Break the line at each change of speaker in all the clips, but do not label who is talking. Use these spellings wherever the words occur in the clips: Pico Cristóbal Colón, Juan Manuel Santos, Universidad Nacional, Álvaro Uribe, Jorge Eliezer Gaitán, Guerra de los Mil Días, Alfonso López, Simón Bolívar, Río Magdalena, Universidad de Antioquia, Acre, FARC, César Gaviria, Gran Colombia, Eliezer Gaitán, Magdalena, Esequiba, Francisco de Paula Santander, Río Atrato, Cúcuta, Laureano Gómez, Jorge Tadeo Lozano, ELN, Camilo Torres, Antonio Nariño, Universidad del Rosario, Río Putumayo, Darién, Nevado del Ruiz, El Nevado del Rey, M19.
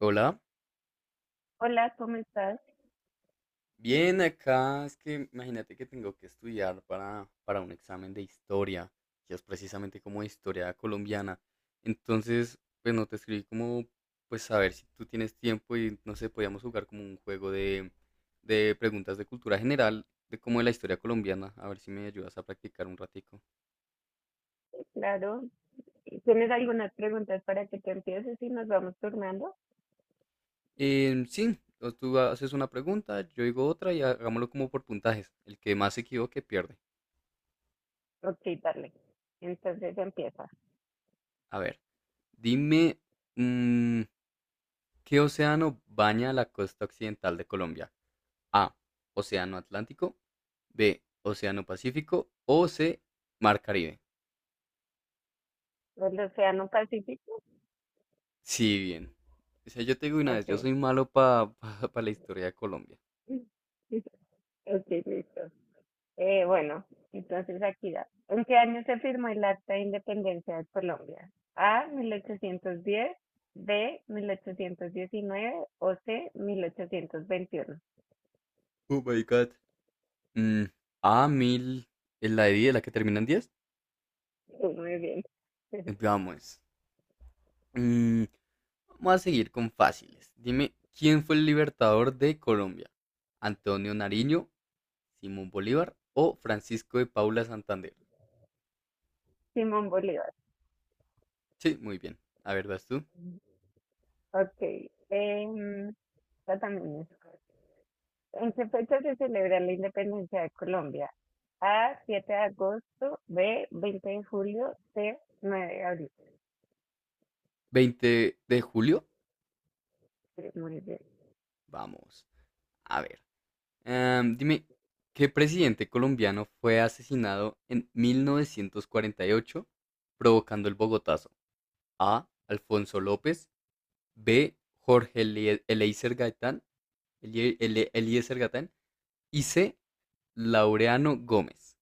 Hola,
Hola, ¿cómo estás?
bien acá. Es que imagínate que tengo que estudiar para un examen de historia, que es precisamente como historia colombiana. Entonces, pues no te escribí como, pues a ver si tú tienes tiempo y no sé, podíamos jugar como un juego de preguntas de cultura general, de como de la historia colombiana. A ver si me ayudas a practicar un ratico.
Sí, claro. ¿Tienes algunas preguntas para que te empieces y nos vamos turnando?
Sí, o tú haces una pregunta, yo digo otra y hagámoslo como por puntajes. El que más se equivoque pierde.
Ok, dale. Entonces empieza.
A ver, dime. mm, ¿Qué océano baña la costa occidental de Colombia? A, océano Atlántico; B, océano Pacífico; o C, mar Caribe.
¿El Océano Pacífico?
Sí, bien. O sea, yo te digo una vez, yo
Así.
soy malo para pa la historia de Colombia.
Ok, listo. Bueno, entonces aquí da. ¿En qué año se firmó el Acta de Independencia de Colombia? A, 1810; B, 1819; o C, 1821.
Oh my god. Mm, A, 1000. ¿Es la de 10, la que termina en 10?
Sí, muy bien.
Vamos. Mm, Vamos a seguir con fáciles. Dime, ¿quién fue el libertador de Colombia? ¿Antonio Nariño, Simón Bolívar o Francisco de Paula Santander?
Simón Bolívar.
Sí, muy bien. A ver, vas tú.
Ok. em, Esta también es. ¿En qué fecha se celebra la independencia de Colombia? A, 7 de agosto; B, 20 de julio; C, 9 de abril.
20 de julio.
Sí, muy bien.
Vamos. A ver. Dime, ¿qué presidente colombiano fue asesinado en 1948 provocando el Bogotazo? A, Alfonso López; B, Jorge Eliezer Gaitán. Eliezer Gaitán. Y C, Laureano Gómez.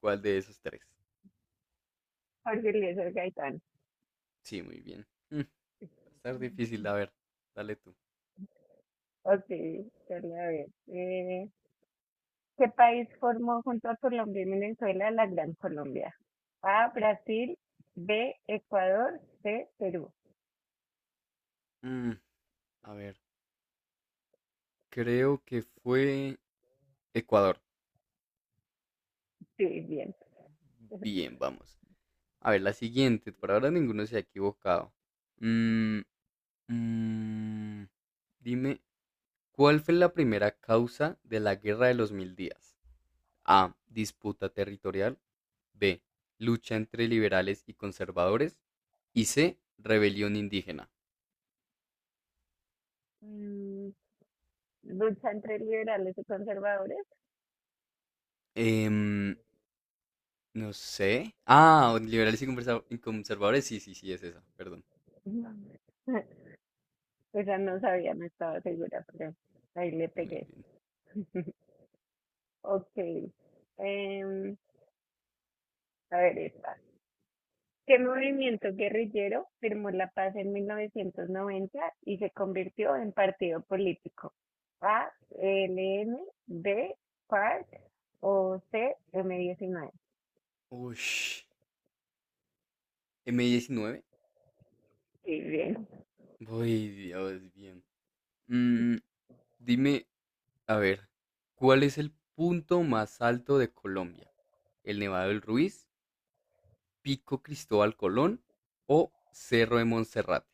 ¿Cuál de esos tres?
Jorge Eliezer Gaitán.
Sí, muy bien. Va a estar difícil. A ver, dale tú.
Ok, ya la veo. ¿Qué país formó junto a Colombia y Venezuela la Gran Colombia? A, Brasil; B, Ecuador; C, Perú.
Mm, a ver, creo que fue Ecuador.
Sí, bien.
Bien, vamos. A ver, la siguiente. Por ahora ninguno se ha equivocado. Mm, mm, Dime, ¿cuál fue la primera causa de la Guerra de los Mil Días? A, disputa territorial; B, lucha entre liberales y conservadores; y C, rebelión indígena.
Mm, ¿lucha entre liberales y conservadores?
Em, no sé. Ah, liberales y conservadores. Sí, sí, sí, es esa. Perdón.
No. O sea, no sabía, no estaba segura, pero ahí le
Muy
pegué.
bien.
Ok. Em, a ver esta. ¿Qué movimiento guerrillero firmó la paz en 1990 y se convirtió en partido político? A, ELN; B, FARC; o C, M19.
Ush. M19.
Sí, bien.
Uy, Dios, bien. Mm, Dime, a ver, ¿cuál es el punto más alto de Colombia? ¿El Nevado del Ruiz, Pico Cristóbal Colón o Cerro de Monserrate?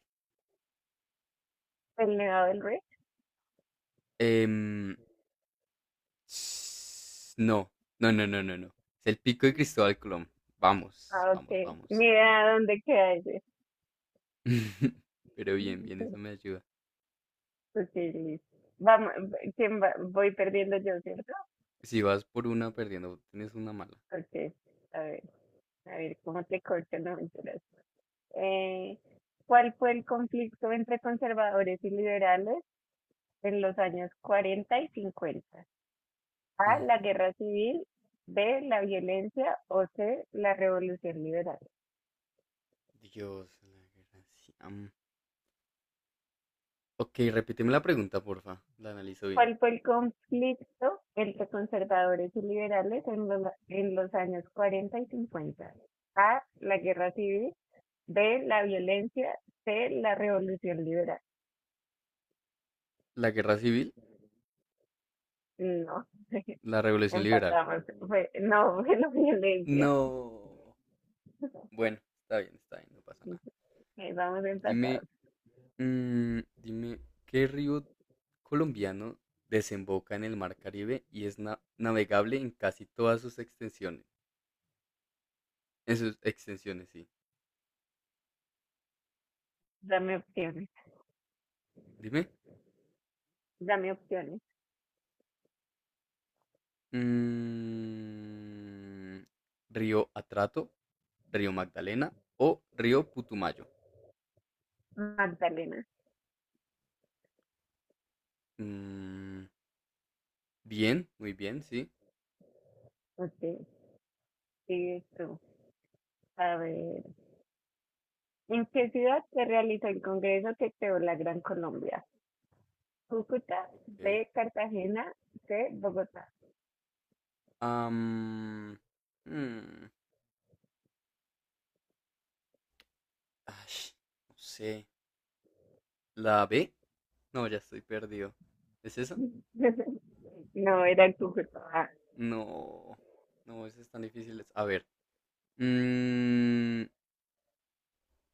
El Nevado del Rey.
Em, no, no. Es el Pico de Cristóbal Colón.
Ah, ok.
Vamos.
Mira dónde queda ese.
Pero bien, bien, eso me ayuda.
Ok, listo. Vamos, ¿quién va? Voy perdiendo yo, ¿cierto?
Si vas por una perdiendo, tienes una mala.
Ok, a ver. A ver cómo te corto, no mentiras. Eh, ¿Cuál fue el conflicto entre conservadores y liberales en los años 40 y 50? A,
Mm,
la guerra civil; B, la violencia; o C, la revolución liberal.
Dios, la guerra. Ci- am. Ok, repíteme la pregunta, porfa. La analizo bien.
¿Cuál fue el conflicto entre conservadores y liberales en los, años 40 y 50? A, la guerra civil; B, la violencia; C, la revolución liberal.
¿La guerra civil?
No.
¿La revolución liberal?
Empatamos. Fue, no, fue la violencia.
No. Bueno, está bien, no pasa nada.
Vamos
Dime,
empatados.
dime, ¿qué río colombiano desemboca en el Mar Caribe y es navegable en casi todas sus extensiones? En sus extensiones, sí.
Dame opciones.
Dime.
Dame opciones.
Mm, ¿Río Atrato, Río Magdalena o Río Putumayo?
Magdalena,
Mm, Bien, muy bien, sí.
usted sigues tú. A ver, ¿en qué ciudad se realizó el congreso que creó la Gran Colombia? Cúcuta;
Ok.
B, Cartagena; C, Bogotá.
Am, mm, Ay, no sé. ¿La B? No, ya estoy perdido. ¿Es esa?
No, era Cúcuta.
No. No, esa es tan difícil. A ver. mm,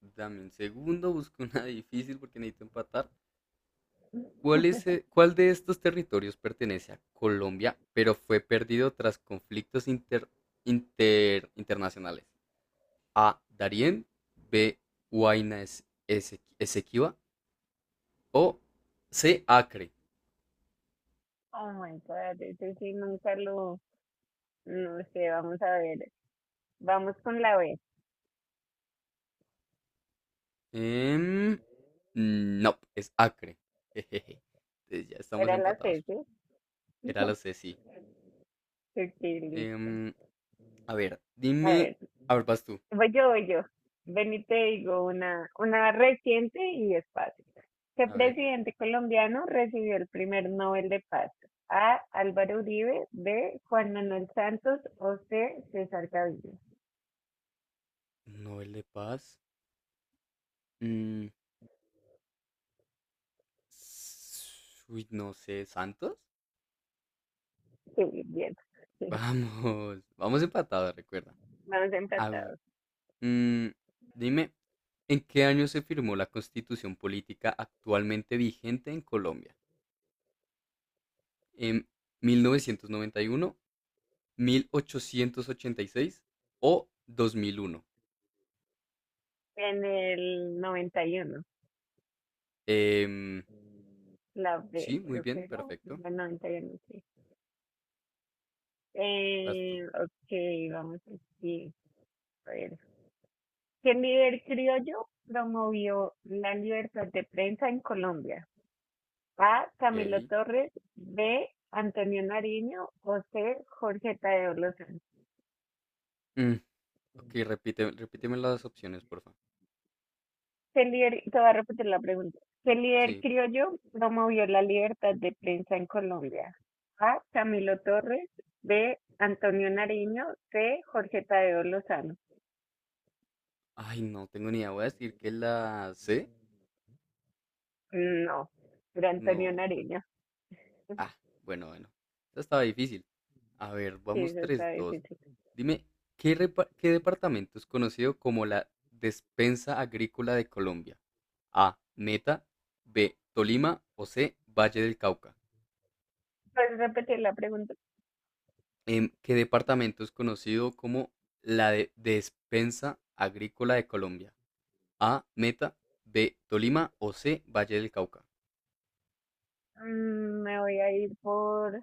Dame un segundo, busco una difícil porque necesito empatar. ¿Cuál de estos territorios pertenece a Colombia, pero fue perdido tras conflictos internacionales? A, Darién; B, Esequiba; o C, Acre.
Ah, oh my God, ese sí nunca lo, no sé, vamos a ver. Vamos con la B,
Em, no, es Acre. Jejeje. Entonces ya estamos
era la C,
empatados.
¿sí?
Era la C, sí.
Ok, listo.
Em, a ver,
A
dime.
ver.
A ver, vas tú.
Voy yo, voy yo. Ven y te digo una reciente y es fácil. ¿Qué
A ver.
presidente colombiano recibió el primer Nobel de Paz? A, Álvaro Uribe; B, Juan Manuel Santos; o C, César Gaviria.
Nobel de Paz. Mm, Uy, no sé, ¿Santos?
Sí, bien.
Vamos, vamos empatados, recuerda.
Vamos
A v-
empatados.
mm, Dime, ¿en qué año se firmó la constitución política actualmente vigente en Colombia? ¿En 1991, 1886 o 2001?
En el noventa y uno.
Em,
La
sí,
B,
muy
creo que
bien,
era.
perfecto.
La noventa y uno, sí.
Vas tú.
Ok, vamos a decir. A ver. ¿Qué líder criollo promovió la libertad de prensa en Colombia? A, Camilo
Ok.
Torres; B, Antonio Nariño; o C, Jorge Tadeo Lozano.
Mm, ok, repite, repíteme las opciones, por favor.
¿Qué líder, te voy a repetir la pregunta. ¿Qué líder
Sí.
criollo promovió la libertad de prensa en Colombia? A, Camilo Torres; B, Antonio Nariño; C, Jorge Tadeo Lozano.
Ay, no tengo ni idea. Voy a decir que la C.
No, era Antonio
No.
Nariño.
Ah, bueno, bueno. Esta estaba difícil. A ver,
Sí,
vamos
eso
tres
está
dos
difícil.
Dime, ¿qué departamento es conocido como la despensa agrícola de Colombia? A, Meta; B, Tolima; o C, Valle del Cauca.
¿Puedes repetir la pregunta?
¿Qué departamento es conocido como la de despensa agrícola de Colombia? A, Meta; B, Tolima o C, Valle del Cauca.
Mm, me voy a ir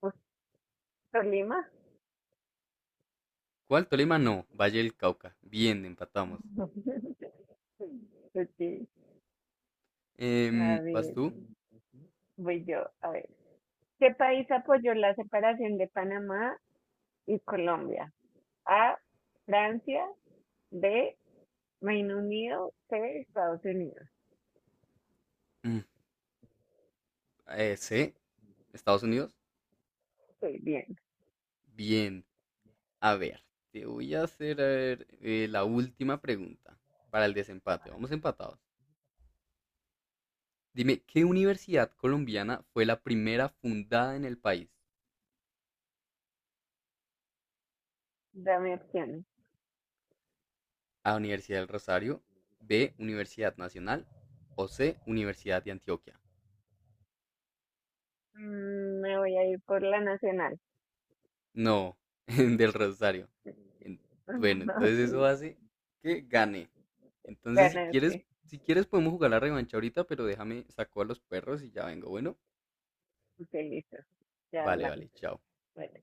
por Tolima.
¿Cuál? Tolima no. Valle del Cauca. Bien, empatamos.
Ok, a
¿Vas
ver.
tú?
Voy yo, a ver. ¿Qué país apoyó la separación de Panamá y Colombia? A, Francia; B, Reino Unido; C, Estados Unidos.
Mm, C, Estados Unidos.
Estoy bien,
Bien. A ver, te voy a hacer a ver, la última pregunta para el desempate. Vamos empatados. Dime, ¿qué universidad colombiana fue la primera fundada en el país?
dame opciones.
A, Universidad del Rosario; B, Universidad Nacional; o C, Universidad de Antioquia.
Mm, me voy a ir por la nacional.
No, del Rosario. En- Bueno, entonces
Ok,
eso hace que gane. Entonces, si quieres,
ganaste.
si quieres podemos jugar la revancha ahorita, pero déjame saco a los perros y ya vengo. Bueno,
Ok, listo, ya
vale,
hablamos.
vale, chao.
Bueno.